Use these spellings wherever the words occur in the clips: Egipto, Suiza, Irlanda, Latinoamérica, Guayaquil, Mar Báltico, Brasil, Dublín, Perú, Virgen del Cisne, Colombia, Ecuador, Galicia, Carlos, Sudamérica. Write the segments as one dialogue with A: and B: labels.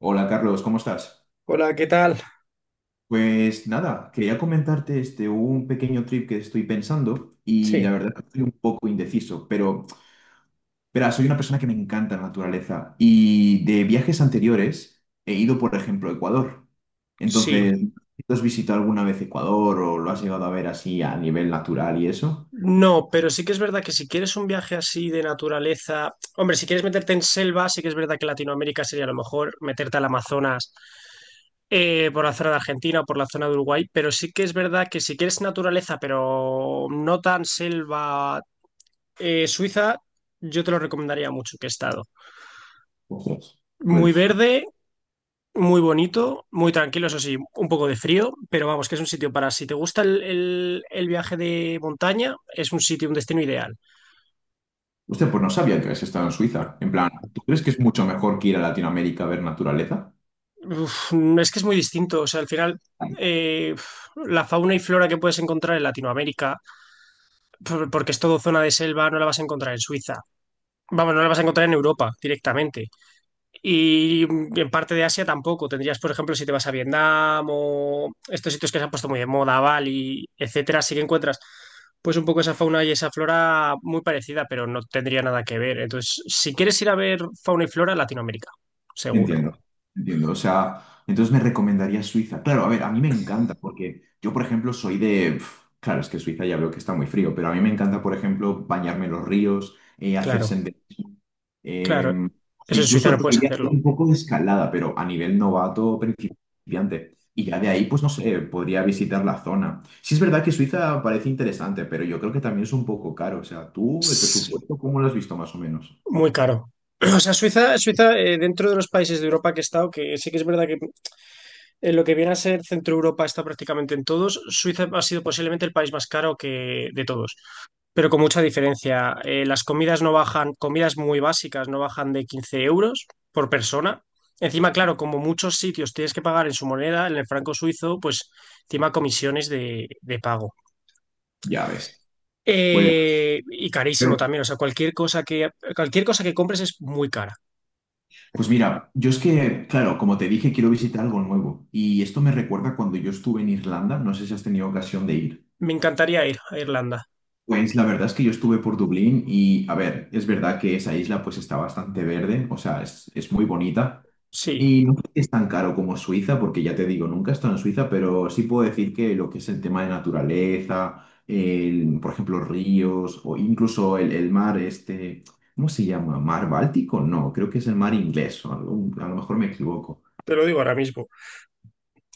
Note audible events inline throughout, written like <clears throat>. A: Hola Carlos, ¿cómo estás?
B: Hola, ¿qué tal?
A: Pues nada, quería comentarte un pequeño trip que estoy pensando y la
B: Sí.
A: verdad que estoy un poco indeciso, pero verá, soy una persona que me encanta la naturaleza y de viajes anteriores he ido, por ejemplo, a Ecuador.
B: Sí,
A: Entonces, ¿tú has visitado alguna vez Ecuador o lo has llegado a ver así a nivel natural y eso?
B: no, pero sí que es verdad que si quieres un viaje así de naturaleza, hombre, si quieres meterte en selva, sí que es verdad que Latinoamérica sería a lo mejor meterte al Amazonas por la zona de Argentina o por la zona de Uruguay, pero sí que es verdad que si quieres naturaleza, pero no tan selva, Suiza, yo te lo recomendaría mucho que he estado.
A: Pues,
B: Muy
A: pues,
B: verde. Muy bonito, muy tranquilo, eso sí, un poco de frío, pero vamos, que es un sitio para si te gusta el viaje de montaña, es un sitio, un destino ideal.
A: pues no sabía que habías estado en Suiza. En plan, ¿tú crees que es mucho mejor que ir a Latinoamérica a ver naturaleza?
B: Uf, no, es que es muy distinto, o sea, al final eh, la fauna y flora que puedes encontrar en Latinoamérica, porque es todo zona de selva, no la vas a encontrar en Suiza. Vamos, no la vas a encontrar en Europa directamente. Y en parte de Asia tampoco. Tendrías, por ejemplo, si te vas a Vietnam o estos sitios que se han puesto muy de moda, Bali, etcétera, sí que encuentras pues un poco esa fauna y esa flora muy parecida, pero no tendría nada que ver. Entonces, si quieres ir a ver fauna y flora, Latinoamérica, seguro.
A: Entiendo, entiendo. O sea, entonces me recomendaría Suiza. Claro, a ver, a mí me encanta porque yo, por ejemplo, claro, es que Suiza ya veo que está muy frío, pero a mí me encanta, por ejemplo, bañarme en los ríos, hacer
B: Claro,
A: senderismo.
B: claro.
A: eh,
B: Eso en Suiza
A: Incluso
B: no
A: te
B: puedes
A: diría hacer
B: hacerlo.
A: un poco de escalada, pero a nivel novato principiante. Y ya de ahí, pues no sé, podría visitar la zona. Sí es verdad que Suiza parece interesante, pero yo creo que también es un poco caro. O sea, tú, el
B: Es
A: presupuesto, ¿cómo lo has visto más o menos?
B: muy caro. <clears throat> O sea, Suiza, dentro de los países de Europa que he estado, que sí que es verdad que en lo que viene a ser Centro Europa está prácticamente en todos. Suiza ha sido posiblemente el país más caro que de todos, pero con mucha diferencia. Las comidas no bajan, comidas muy básicas no bajan de 15 euros por persona. Encima, claro, como muchos sitios tienes que pagar en su moneda, en el franco suizo, pues encima comisiones de pago.
A: Ya ves. Pues...
B: Y carísimo también, o sea, cualquier cosa que compres es muy cara.
A: Pues mira, yo es que, claro, como te dije, quiero visitar algo nuevo. Y esto me recuerda cuando yo estuve en Irlanda, no sé si has tenido ocasión de ir.
B: Me encantaría ir a Irlanda,
A: Pues la verdad es que yo estuve por Dublín y, a ver, es verdad que esa isla pues está bastante verde, o sea, es muy bonita.
B: sí,
A: Y no creo que es tan caro como Suiza, porque ya te digo, nunca he estado en Suiza, pero sí puedo decir que lo que es el tema de naturaleza, el, por ejemplo, ríos o incluso el mar este, ¿cómo se llama? ¿Mar Báltico? No, creo que es el mar inglés, o a lo mejor me equivoco.
B: te lo digo ahora mismo.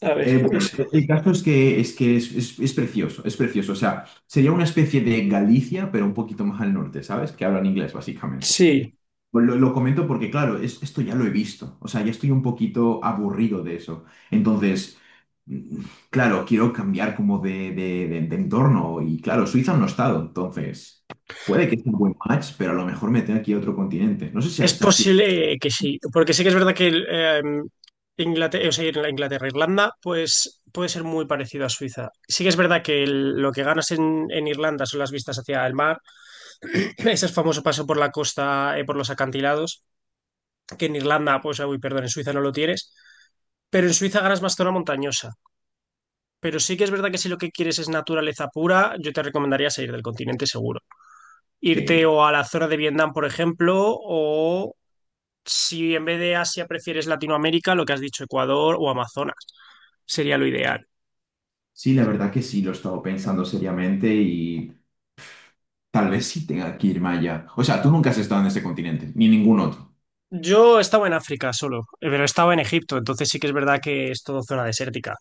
B: A ver,
A: Eh, bueno, el caso es que, es precioso, es precioso. O sea, sería una especie de Galicia, pero un poquito más al norte, ¿sabes? Que hablan inglés, básicamente.
B: sí.
A: Pues lo comento porque, claro, esto ya lo he visto. O sea, ya estoy un poquito aburrido de eso. Entonces, mm, claro, quiero cambiar como de entorno. Y claro, Suiza no ha estado. Entonces, puede que sea un buen match, pero a lo mejor me tenga que ir a otro continente. No sé
B: Es
A: si ha sido...
B: posible que sí, porque sí que es verdad que el Inglaterra, o sea, en la Inglaterra, e Irlanda, pues puede ser muy parecido a Suiza. Sí que es verdad que lo que ganas en Irlanda son las vistas hacia el mar, <clears throat> ese famoso paso por la costa, por los acantilados, que en Irlanda, pues, ah, uy, perdón, en Suiza no lo tienes, pero en Suiza ganas más zona montañosa. Pero sí que es verdad que si lo que quieres es naturaleza pura, yo te recomendaría salir del continente seguro. Irte
A: Sí.
B: o a la zona de Vietnam, por ejemplo, si en vez de Asia prefieres Latinoamérica, lo que has dicho, Ecuador o Amazonas, sería lo ideal.
A: Sí, la verdad que sí, lo he estado pensando seriamente y... Tal vez sí tenga que irme allá. O sea, tú nunca has estado en este continente, ni en ningún otro.
B: Yo estaba en África solo, pero estaba en Egipto, entonces sí que es verdad que es todo zona desértica.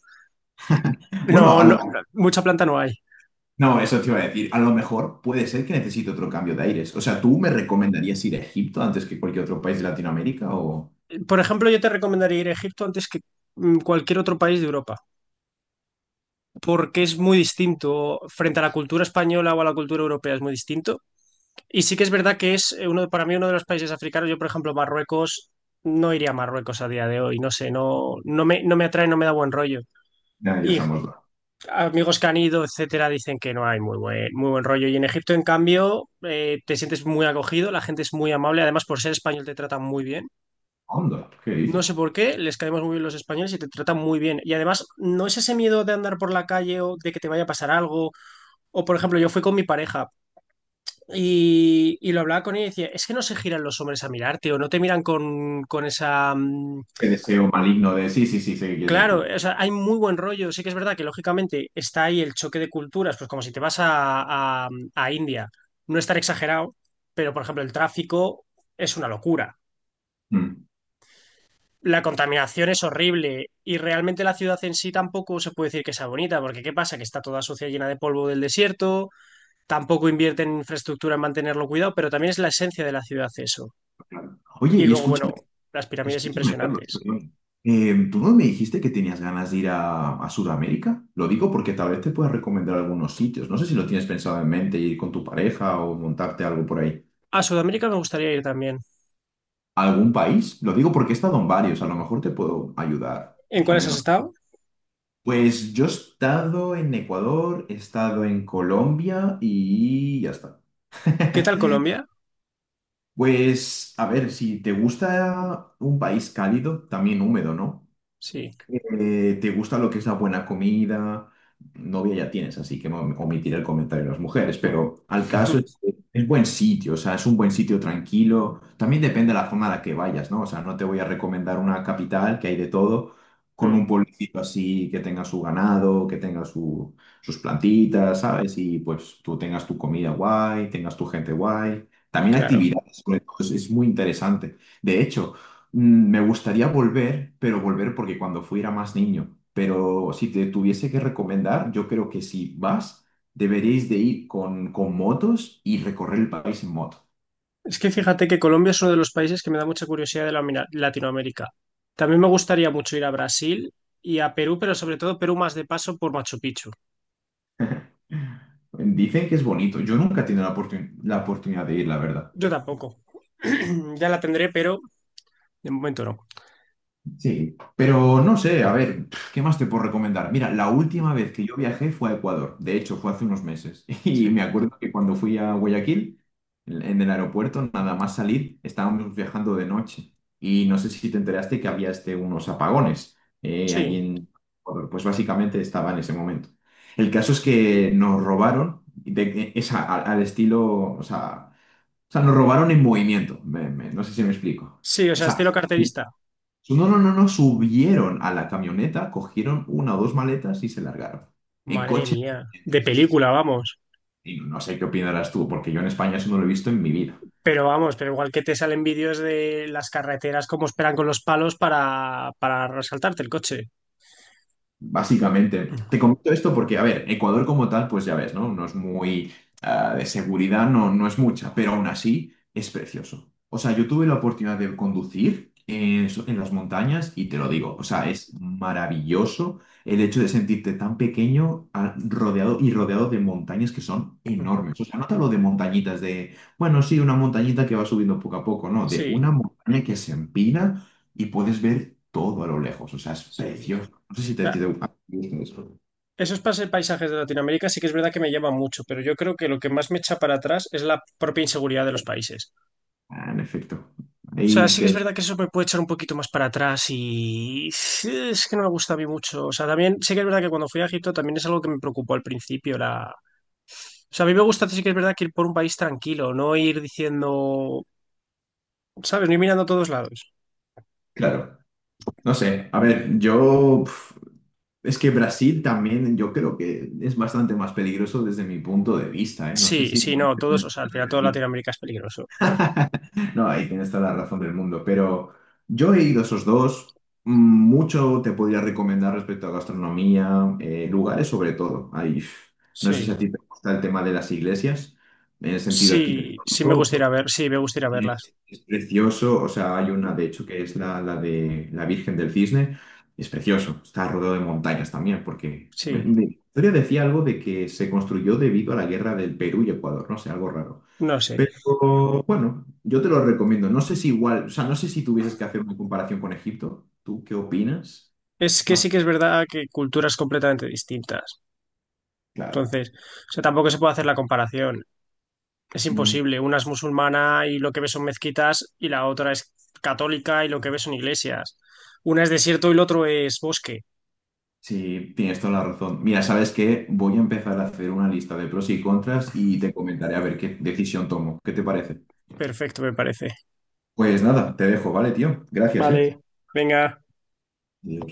A: Bueno,
B: No,
A: a
B: no,
A: lo-
B: no, mucha planta no hay.
A: no, eso te iba a decir. A lo mejor puede ser que necesite otro cambio de aires. O sea, ¿tú me recomendarías ir a Egipto antes que cualquier otro país de Latinoamérica o...?
B: Por ejemplo, yo te recomendaría ir a Egipto antes que cualquier otro país de Europa, porque es muy distinto frente a la cultura española o a la cultura europea, es muy distinto. Y sí que es verdad que es uno, para mí uno de los países africanos, yo por ejemplo Marruecos, no iría a Marruecos a día de hoy, no sé, no, no me atrae, no me da buen rollo.
A: Ya, ya
B: Y
A: estamos la
B: amigos que han ido, etcétera, dicen que no hay muy buen rollo. Y en Egipto, en cambio, te sientes muy acogido, la gente es muy amable. Además, por ser español, te tratan muy bien.
A: onda. ¿Qué
B: No sé
A: dices?
B: por qué, les caemos muy bien los españoles y te tratan muy bien. Y además, no es ese miedo de andar por la calle o de que te vaya a pasar algo. O, por ejemplo, yo fui con mi pareja y lo hablaba con ella y decía, es que no se giran los hombres a mirarte o no te miran con esa
A: Ese deseo maligno de... Sí, sí, sí, sé qué quieres
B: claro,
A: decir.
B: o sea, hay muy buen rollo. Sí que es verdad que lógicamente está ahí el choque de culturas, pues como si te vas a a India, no estar exagerado, pero por ejemplo el tráfico es una locura.
A: Mm,
B: La contaminación es horrible y realmente la ciudad en sí tampoco se puede decir que sea bonita, porque ¿qué pasa? Que está toda sucia, llena de polvo del desierto, tampoco invierte en infraestructura en mantenerlo cuidado, pero también es la esencia de la ciudad eso.
A: claro. Oye,
B: Y
A: y
B: luego,
A: escucha
B: bueno, las pirámides
A: escúchame, Carlos,
B: impresionantes.
A: perdón. ¿Tú no me dijiste que tenías ganas de ir a Sudamérica? Lo digo porque tal vez te pueda recomendar algunos sitios. No sé si lo tienes pensado en mente, ir con tu pareja o montarte algo por ahí.
B: A Sudamérica me gustaría ir también.
A: ¿Algún país? Lo digo porque he estado en varios, a lo mejor te puedo ayudar,
B: ¿En
A: más o
B: cuáles has
A: menos.
B: estado?
A: Pues yo he estado en Ecuador, he estado en Colombia y ya está.
B: ¿Qué tal
A: <laughs>
B: Colombia?
A: Pues, a ver, si te gusta un país cálido, también húmedo, ¿no?
B: Sí.
A: ¿Te gusta lo que es la buena comida? Novia ya tienes, así que omitiré el comentario de las mujeres, pero al caso es, que es buen sitio, o sea, es un buen sitio tranquilo. También depende de la zona a la que vayas, ¿no? O sea, no te voy a recomendar una capital que hay de todo, con un
B: Mm,
A: pueblecito así que tenga su ganado, que tenga sus plantitas, ¿sabes? Y pues tú tengas tu comida guay, tengas tu gente guay. También
B: claro.
A: actividades, sobre todo, es muy interesante. De hecho, Me gustaría volver, pero volver porque cuando fui era más niño. Pero si te tuviese que recomendar, yo creo que si vas, deberíais de ir con motos y recorrer el país en moto.
B: Es que fíjate que Colombia es uno de los países que me da mucha curiosidad de la Latinoamérica. También me gustaría mucho ir a Brasil y a Perú, pero sobre todo Perú más de paso por Machu Picchu.
A: <laughs> Dicen que es bonito. Yo nunca he tenido la oportunidad de ir, la verdad.
B: Yo tampoco. <clears throat> Ya la tendré, pero de momento no.
A: Sí, pero no sé, a ver, ¿qué más te puedo recomendar? Mira, la última vez que yo viajé fue a Ecuador, de hecho fue hace unos meses, <laughs> y
B: Sí.
A: me acuerdo que cuando fui a Guayaquil, en el aeropuerto, nada más salir, estábamos viajando de noche, y no sé si te enteraste que había unos apagones allí
B: Sí,
A: en Ecuador, pues básicamente estaba en ese momento. El caso es que nos robaron, al estilo, o sea, nos robaron en movimiento, no sé si me explico.
B: sí, o sea, estilo
A: Exacto.
B: carterista.
A: No, no, no, no, subieron a la camioneta, cogieron una o dos maletas y se largaron. En
B: Madre
A: coche.
B: mía,
A: Sí,
B: de
A: sí, sí.
B: película, vamos.
A: Y no sé qué opinarás tú, porque yo en España eso no lo he visto en mi vida.
B: Pero vamos, pero igual que te salen vídeos de las carreteras, cómo esperan con los palos para resaltarte el coche.
A: Básicamente,
B: Mm,
A: te comento esto porque, a ver, Ecuador como tal, pues ya ves, ¿no? No es muy, de seguridad, no es mucha, pero aún así es precioso. O sea, yo tuve la oportunidad de conducir en las montañas y te lo digo, o sea, es maravilloso el hecho de sentirte tan pequeño rodeado y rodeado de montañas que son
B: mm.
A: enormes. O sea, no te hablo de montañitas de, bueno, sí, una montañita que va subiendo poco a poco, no, de una
B: Sí,
A: montaña que se empina y puedes ver todo a lo lejos, o sea, es
B: sí.
A: precioso. No sé si te gusta eso.
B: Paisajes de Latinoamérica sí que es verdad que me llaman mucho, pero yo creo que lo que más me echa para atrás es la propia inseguridad de los países.
A: Ah, en efecto.
B: O sea,
A: Ahí
B: sí que es
A: te.
B: verdad que eso me puede echar un poquito más para atrás y sí, es que no me gusta a mí mucho. O sea, también sí que es verdad que cuando fui a Egipto también es algo que me preocupó al principio. La... O sea, a mí me gusta sí que es verdad que ir por un país tranquilo, no ir diciendo, ¿sabes? No ir mirando a todos lados.
A: Claro. No sé. A ver, es que Brasil también, yo creo que es bastante más peligroso desde mi punto de vista, ¿eh? No sé
B: Sí,
A: si.
B: sí, no, todos, o sea, al final toda Latinoamérica es peligroso.
A: <laughs> No, ahí tienes toda la razón del mundo. Pero yo he ido a esos dos. Mm, Mucho te podría recomendar respecto a gastronomía, lugares sobre todo. No sé si
B: Sí,
A: a ti te gusta el tema de las iglesias, en el sentido
B: sí, sí me
A: arquitectónico.
B: gustaría ver, sí, me gustaría verlas.
A: Es precioso, o sea, hay una de hecho que es la de la Virgen del Cisne, es precioso, está rodeado de montañas también, porque
B: Sí,
A: la historia decía algo de que se construyó debido a la guerra del Perú y Ecuador, no sé, algo raro.
B: no sé.
A: Pero bueno, yo te lo recomiendo, no sé si igual, o sea, no sé si tuvieses que hacer una comparación con Egipto, ¿tú qué opinas?
B: Es que sí
A: Más
B: que es verdad que culturas completamente distintas.
A: claro.
B: Entonces, o sea, tampoco se puede hacer la comparación. Es
A: Mm,
B: imposible. Una es musulmana y lo que ves son mezquitas y la otra es católica y lo que ves son iglesias. Una es desierto y el otro es bosque.
A: sí, tienes toda la razón. Mira, ¿sabes qué? Voy a empezar a hacer una lista de pros y contras y te comentaré a ver qué decisión tomo. ¿Qué te parece?
B: Perfecto, me parece.
A: Pues nada, te dejo, ¿vale, tío? Gracias, ¿eh?
B: Vale. Venga.
A: Adiós.